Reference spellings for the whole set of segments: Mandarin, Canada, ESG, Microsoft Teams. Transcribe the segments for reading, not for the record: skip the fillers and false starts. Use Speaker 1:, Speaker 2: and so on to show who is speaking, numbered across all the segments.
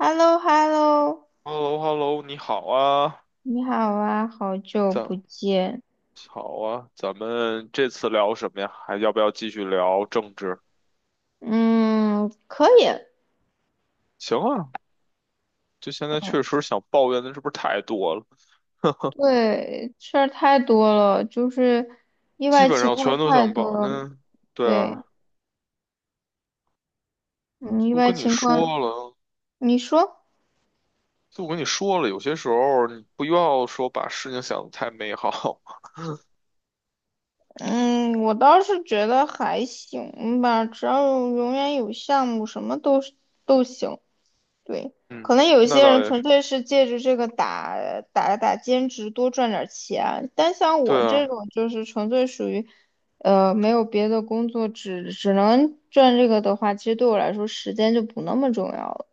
Speaker 1: h e l l o h e l l o
Speaker 2: h e l l o h e l l o 你好啊，
Speaker 1: 你好啊，好久不
Speaker 2: 咱
Speaker 1: 见。
Speaker 2: 咱们这次聊什么呀？还要不要继续聊政治？
Speaker 1: 嗯，可以。
Speaker 2: 行啊，就现在确实想抱怨的是不是太多了？
Speaker 1: 对，事儿太多了，就是意
Speaker 2: 基
Speaker 1: 外
Speaker 2: 本
Speaker 1: 情
Speaker 2: 上全
Speaker 1: 况
Speaker 2: 都
Speaker 1: 太
Speaker 2: 想
Speaker 1: 多
Speaker 2: 抱。
Speaker 1: 了。
Speaker 2: 那对
Speaker 1: 对，
Speaker 2: 啊，
Speaker 1: 嗯，意
Speaker 2: 都
Speaker 1: 外
Speaker 2: 跟你
Speaker 1: 情况，
Speaker 2: 说了，
Speaker 1: 你说？
Speaker 2: 就我跟你说了，有些时候你不要说把事情想得太美好。
Speaker 1: 嗯，我倒是觉得还行吧，只要有永远有项目，什么都是都行。对，
Speaker 2: 嗯，
Speaker 1: 可能有一
Speaker 2: 那
Speaker 1: 些
Speaker 2: 倒
Speaker 1: 人
Speaker 2: 也是。
Speaker 1: 纯粹是借着这个打兼职多赚点钱，但像
Speaker 2: 对
Speaker 1: 我这
Speaker 2: 啊，
Speaker 1: 种就是纯粹属于，没有别的工作，只能赚这个的话，其实对我来说时间就不那么重要了。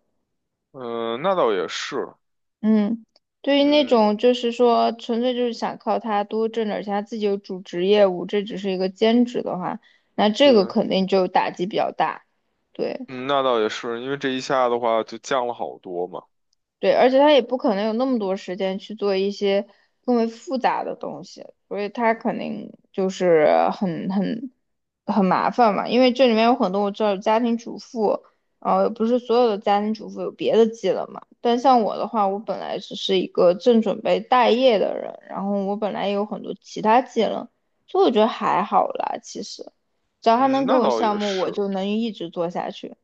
Speaker 2: 嗯、那倒也是。
Speaker 1: 嗯，对于那
Speaker 2: 嗯，
Speaker 1: 种就是说纯粹就是想靠他多挣点钱，他自己有主职业务，这只是一个兼职的话，那这个
Speaker 2: 对，
Speaker 1: 肯定就打击比较大。对。
Speaker 2: 嗯，那倒也是，因为这一下的话就降了好多嘛。
Speaker 1: 对，而且他也不可能有那么多时间去做一些更为复杂的东西，所以他肯定就是很麻烦嘛。因为这里面有很多我知道有家庭主妇，不是所有的家庭主妇有别的技能嘛。但像我的话，我本来只是一个正准备待业的人，然后我本来也有很多其他技能，所以我觉得还好啦。其实，只要他
Speaker 2: 嗯，
Speaker 1: 能给
Speaker 2: 那
Speaker 1: 我
Speaker 2: 倒也
Speaker 1: 项目，我
Speaker 2: 是。
Speaker 1: 就能一直做下去。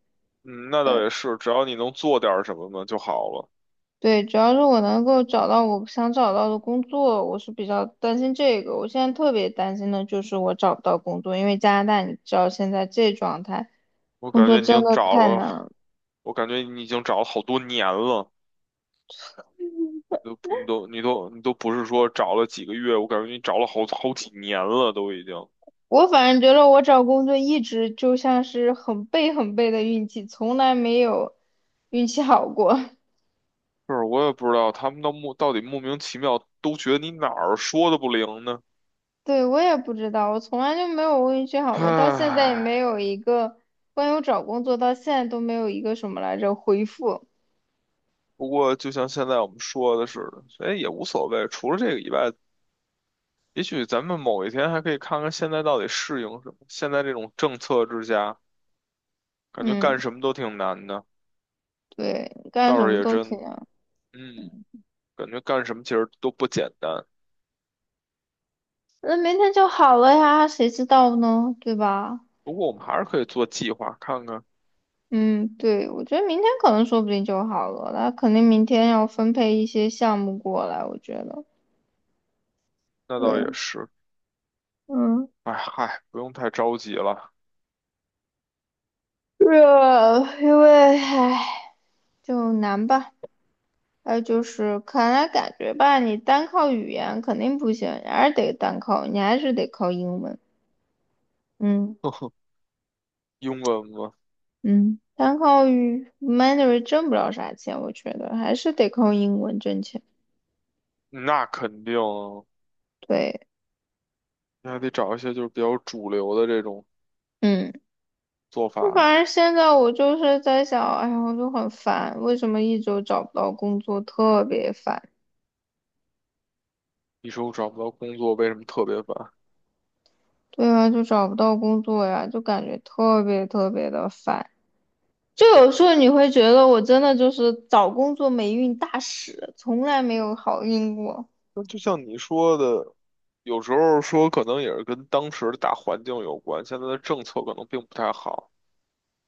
Speaker 2: 嗯，那倒也是，只要你能做点儿什么呢就好了。
Speaker 1: 对，主要是我能够找到我想找到的工作，我是比较担心这个。我现在特别担心的就是我找不到工作，因为加拿大你知道现在这状态，
Speaker 2: 我
Speaker 1: 工
Speaker 2: 感
Speaker 1: 作
Speaker 2: 觉你
Speaker 1: 真
Speaker 2: 已经
Speaker 1: 的
Speaker 2: 找
Speaker 1: 太难
Speaker 2: 了，
Speaker 1: 了。
Speaker 2: 我感觉你已经找了好多年了，你都不是说找了几个月，我感觉你找了好好几年了，都已经。
Speaker 1: 我反正觉得我找工作一直就像是很背很背的运气，从来没有运气好过。
Speaker 2: 是，我也不知道他们到底莫名其妙都觉得你哪儿说的不灵呢。
Speaker 1: 对，我也不知道，我从来就没有运气好过，到现在也
Speaker 2: 唉，
Speaker 1: 没有一个关于我找工作到现在都没有一个什么来着回复。
Speaker 2: 不过就像现在我们说的似的，所以也无所谓。除了这个以外，也许咱们某一天还可以看看现在到底适应什么。现在这种政策之下，感觉
Speaker 1: 嗯，
Speaker 2: 干什么都挺难的。
Speaker 1: 对，干什
Speaker 2: 倒是
Speaker 1: 么
Speaker 2: 也
Speaker 1: 都挺。
Speaker 2: 真，嗯，感觉干什么其实都不简单。
Speaker 1: 那明天就好了呀，谁知道呢，对吧？
Speaker 2: 不过我们还是可以做计划看看，
Speaker 1: 嗯，对，我觉得明天可能说不定就好了，那肯定明天要分配一些项目过来，我觉得，
Speaker 2: 那倒
Speaker 1: 对，
Speaker 2: 也是。
Speaker 1: 嗯，
Speaker 2: 哎嗨，不用太着急了。
Speaker 1: 是啊，因为，唉，就难吧。还有就是，看来感觉吧，你单靠语言肯定不行，你还是得靠英文。嗯
Speaker 2: 呵呵，英文吗？
Speaker 1: 嗯，单靠Mandarin 挣不了啥钱，我觉得还是得靠英文挣钱。
Speaker 2: 那肯定啊，
Speaker 1: 对，
Speaker 2: 你还得找一些就是比较主流的这种
Speaker 1: 嗯。
Speaker 2: 做法
Speaker 1: 就
Speaker 2: 呀。
Speaker 1: 反正现在我就是在想，哎呀，我就很烦，为什么一周找不到工作，特别烦。
Speaker 2: 你说我找不到工作，为什么特别烦？
Speaker 1: 对啊，就找不到工作呀，就感觉特别特别的烦。就有时候你会觉得我真的就是找工作霉运大使，从来没有好运过。
Speaker 2: 那就像你说的，有时候说可能也是跟当时的大环境有关，现在的政策可能并不太好。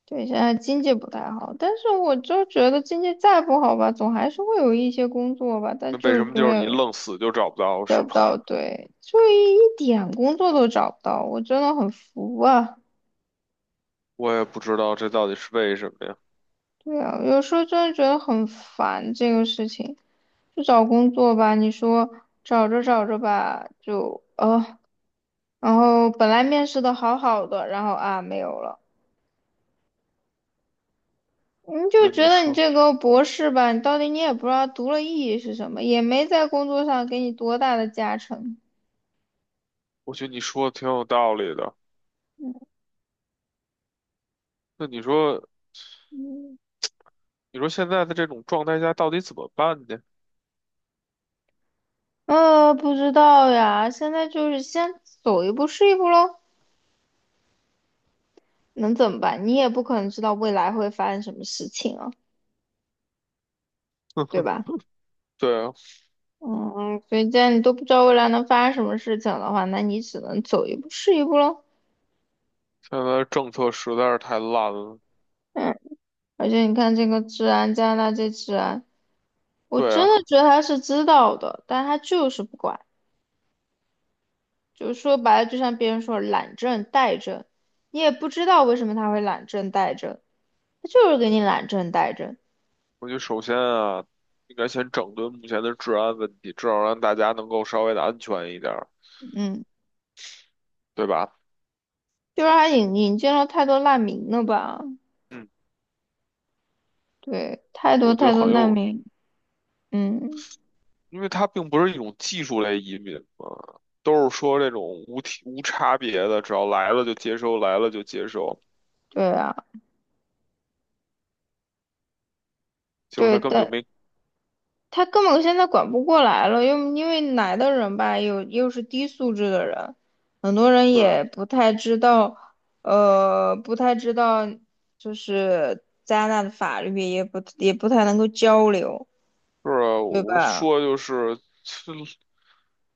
Speaker 1: 对，现在经济不太好，但是我就觉得经济再不好吧，总还是会有一些工作吧，但
Speaker 2: 那为
Speaker 1: 就
Speaker 2: 什
Speaker 1: 是
Speaker 2: 么
Speaker 1: 永
Speaker 2: 就是你
Speaker 1: 远
Speaker 2: 愣死就找不到，是
Speaker 1: 得不
Speaker 2: 吗？
Speaker 1: 到，对，就一点工作都找不到，我真的很服啊。
Speaker 2: 我也不知道这到底是为什么呀。
Speaker 1: 对啊，有时候真的觉得很烦这个事情。就找工作吧，你说找着找着吧，就然后本来面试的好好的，然后啊没有了，你就
Speaker 2: 那
Speaker 1: 觉
Speaker 2: 你
Speaker 1: 得你
Speaker 2: 说，
Speaker 1: 这个博士吧，你到底你也不知道读了意义是什么，也没在工作上给你多大的加成。
Speaker 2: 我觉得你说的挺有道理的。那你说，
Speaker 1: 嗯，
Speaker 2: 你说现在的这种状态下到底怎么办呢？
Speaker 1: 不知道呀，现在就是先走一步是一步喽，能怎么办？你也不可能知道未来会发生什么事情啊，对 吧？
Speaker 2: 对啊，
Speaker 1: 嗯，所以既然你都不知道未来能发生什么事情的话，那你只能走一步是一步喽。
Speaker 2: 现在的政策实在是太烂了。
Speaker 1: 嗯，而且你看这个治安，加拿大这治安，我
Speaker 2: 对
Speaker 1: 真的
Speaker 2: 啊，
Speaker 1: 觉得他是知道的，但他就是不管。就是说白了，就像别人说懒政怠政，你也不知道为什么他会懒政怠政，他就是给你懒政怠政。
Speaker 2: 我觉得首先啊，应该先整顿目前的治安问题，至少让大家能够稍微的安全一点儿，
Speaker 1: 嗯，
Speaker 2: 对吧？
Speaker 1: 就是他引进了太多难民了吧？
Speaker 2: 嗯，
Speaker 1: 对，太多
Speaker 2: 我觉得
Speaker 1: 太多
Speaker 2: 很
Speaker 1: 难
Speaker 2: 有，
Speaker 1: 民。嗯，
Speaker 2: 因为它并不是一种技术类移民嘛，都是说这种无体无差别的，只要来了就接收，来了就接收，
Speaker 1: 对啊，
Speaker 2: 结果
Speaker 1: 对，
Speaker 2: 他根本就
Speaker 1: 但
Speaker 2: 没，
Speaker 1: 他根本现在管不过来了，又因为来的人吧，又是低素质的人，很多人
Speaker 2: 对啊。
Speaker 1: 也不太知道，不太知道，就是加拿大的法律也不太能够交流，
Speaker 2: 是啊，
Speaker 1: 对
Speaker 2: 我
Speaker 1: 吧？
Speaker 2: 说就是他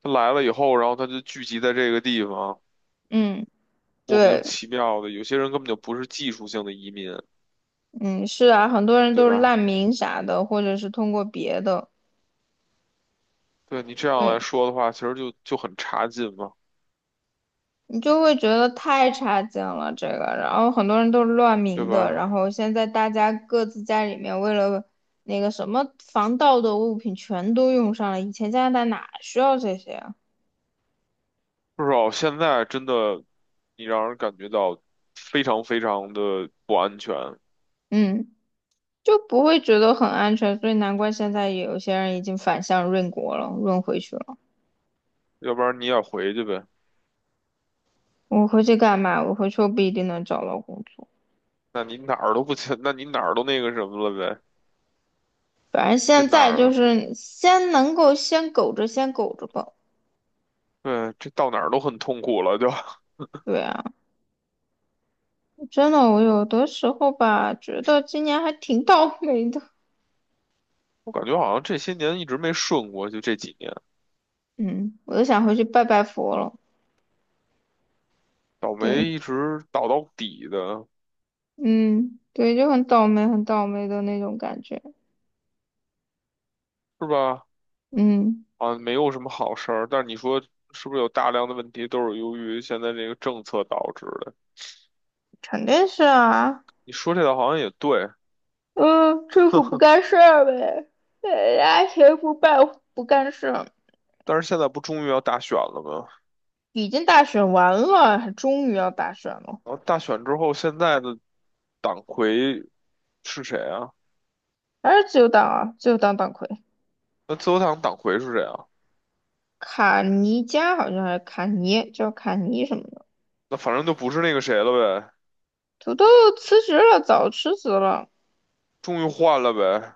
Speaker 2: 他来了以后，然后他就聚集在这个地方，
Speaker 1: 嗯，
Speaker 2: 莫名
Speaker 1: 对，
Speaker 2: 其妙的，有些人根本就不是技术性的移民，
Speaker 1: 嗯，是啊，很多人
Speaker 2: 对
Speaker 1: 都是难
Speaker 2: 吧？
Speaker 1: 民啥的，或者是通过别的，
Speaker 2: 对你这样
Speaker 1: 对。
Speaker 2: 来说的话，其实就很差劲嘛，
Speaker 1: 你就会觉得太差劲了这个，然后很多人都是乱
Speaker 2: 对
Speaker 1: 鸣的，然
Speaker 2: 吧？
Speaker 1: 后现在大家各自家里面为了那个什么防盗的物品全都用上了，以前加拿大哪需要这些啊？
Speaker 2: 至少现在真的，你让人感觉到非常非常的不安全。
Speaker 1: 嗯，就不会觉得很安全，所以难怪现在有些人已经反向润国了，润回去了。
Speaker 2: 要不然你也回去呗，
Speaker 1: 我回去干嘛？我回去又不一定能找到工作，
Speaker 2: 那你哪儿都不去，那你哪儿都那个什么了呗，
Speaker 1: 反正
Speaker 2: 这
Speaker 1: 现
Speaker 2: 哪
Speaker 1: 在
Speaker 2: 儿
Speaker 1: 就
Speaker 2: 啊。
Speaker 1: 是先能够先苟着，先苟着吧。
Speaker 2: 对，这到哪儿都很痛苦了，就。
Speaker 1: 对啊。真的，我有的时候吧，觉得今年还挺倒霉的。
Speaker 2: 我感觉好像这些年一直没顺过，就这几年
Speaker 1: 嗯，我都想回去拜拜佛了。
Speaker 2: 倒
Speaker 1: 对，
Speaker 2: 霉一直倒到底的，
Speaker 1: 嗯，对，就很倒霉，很倒霉的那种感觉。
Speaker 2: 是吧？
Speaker 1: 嗯，
Speaker 2: 啊，没有什么好事儿。但是你说是不是有大量的问题都是由于现在这个政策导致的？
Speaker 1: 肯定是啊。
Speaker 2: 你说这个好像也对，
Speaker 1: 嗯，政府不干事儿呗，人家谁不办不干事儿？
Speaker 2: 但是现在不终于要大选了吗？
Speaker 1: 已经大选完了，还终于要大选了，
Speaker 2: 然后大选之后，现在的党魁是谁啊？
Speaker 1: 还是自由党啊，自由党党魁
Speaker 2: 那自由党党魁是谁啊？
Speaker 1: 卡尼加好像还是卡尼，叫卡尼什么的，
Speaker 2: 那反正就不是那个谁了呗，
Speaker 1: 土豆辞职了，早辞职了。
Speaker 2: 终于换了呗。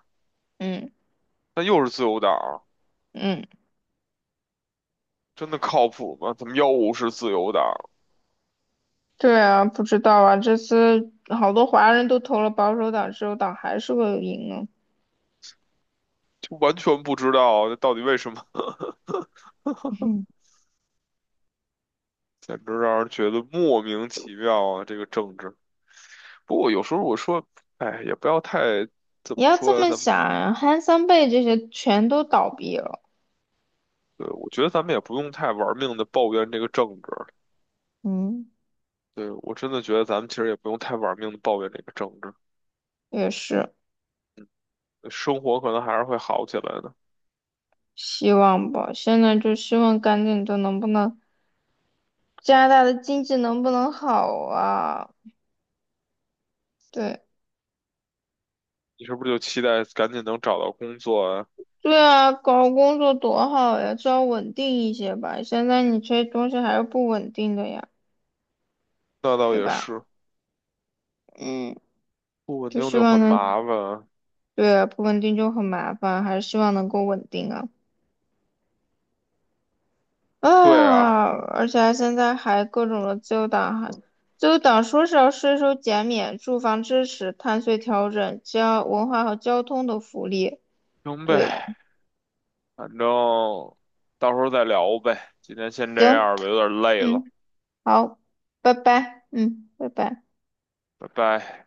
Speaker 1: 嗯。
Speaker 2: 那又是自由党，
Speaker 1: 嗯，
Speaker 2: 真的靠谱吗？怎么又是自由党？
Speaker 1: 对啊，不知道啊，这次好多华人都投了保守党，自由党还是会赢啊。
Speaker 2: 完全不知道这到底为什么，简直让人觉得莫名其妙啊！这个政治。不过有时候我说，哎，也不要太怎
Speaker 1: 你
Speaker 2: 么
Speaker 1: 要这
Speaker 2: 说呀，
Speaker 1: 么
Speaker 2: 咱们
Speaker 1: 想啊，汉森贝这些全都倒闭了，
Speaker 2: 对，我觉得咱们也不用太玩命的抱怨这个政治。
Speaker 1: 嗯，
Speaker 2: 对，我真的觉得咱们其实也不用太玩命的抱怨这个政治，
Speaker 1: 也是，
Speaker 2: 生活可能还是会好起来的。
Speaker 1: 希望吧。现在就希望赶紧的，能不能加拿大的经济能不能好啊？对，
Speaker 2: 你是不是就期待赶紧能找到工作啊？
Speaker 1: 对啊，搞工作多好呀，至少稳定一些吧。现在你这些东西还是不稳定的呀，
Speaker 2: 那倒
Speaker 1: 对
Speaker 2: 也
Speaker 1: 吧？
Speaker 2: 是，
Speaker 1: 嗯，
Speaker 2: 不稳
Speaker 1: 就
Speaker 2: 定
Speaker 1: 希
Speaker 2: 就
Speaker 1: 望
Speaker 2: 很麻
Speaker 1: 能。
Speaker 2: 烦啊。
Speaker 1: 对，不稳定就很麻烦，还是希望能够稳定啊。
Speaker 2: 对啊，
Speaker 1: 啊，而且还现在还各种的自由党还，自由党说是要税收减免、住房支持、碳税调整、交文化和交通的福利。
Speaker 2: 行
Speaker 1: 对，
Speaker 2: 呗。反正到时候再聊呗。今天先这
Speaker 1: 行，
Speaker 2: 样吧，有点累了，
Speaker 1: 嗯，好，拜拜，嗯，拜拜。
Speaker 2: 拜拜。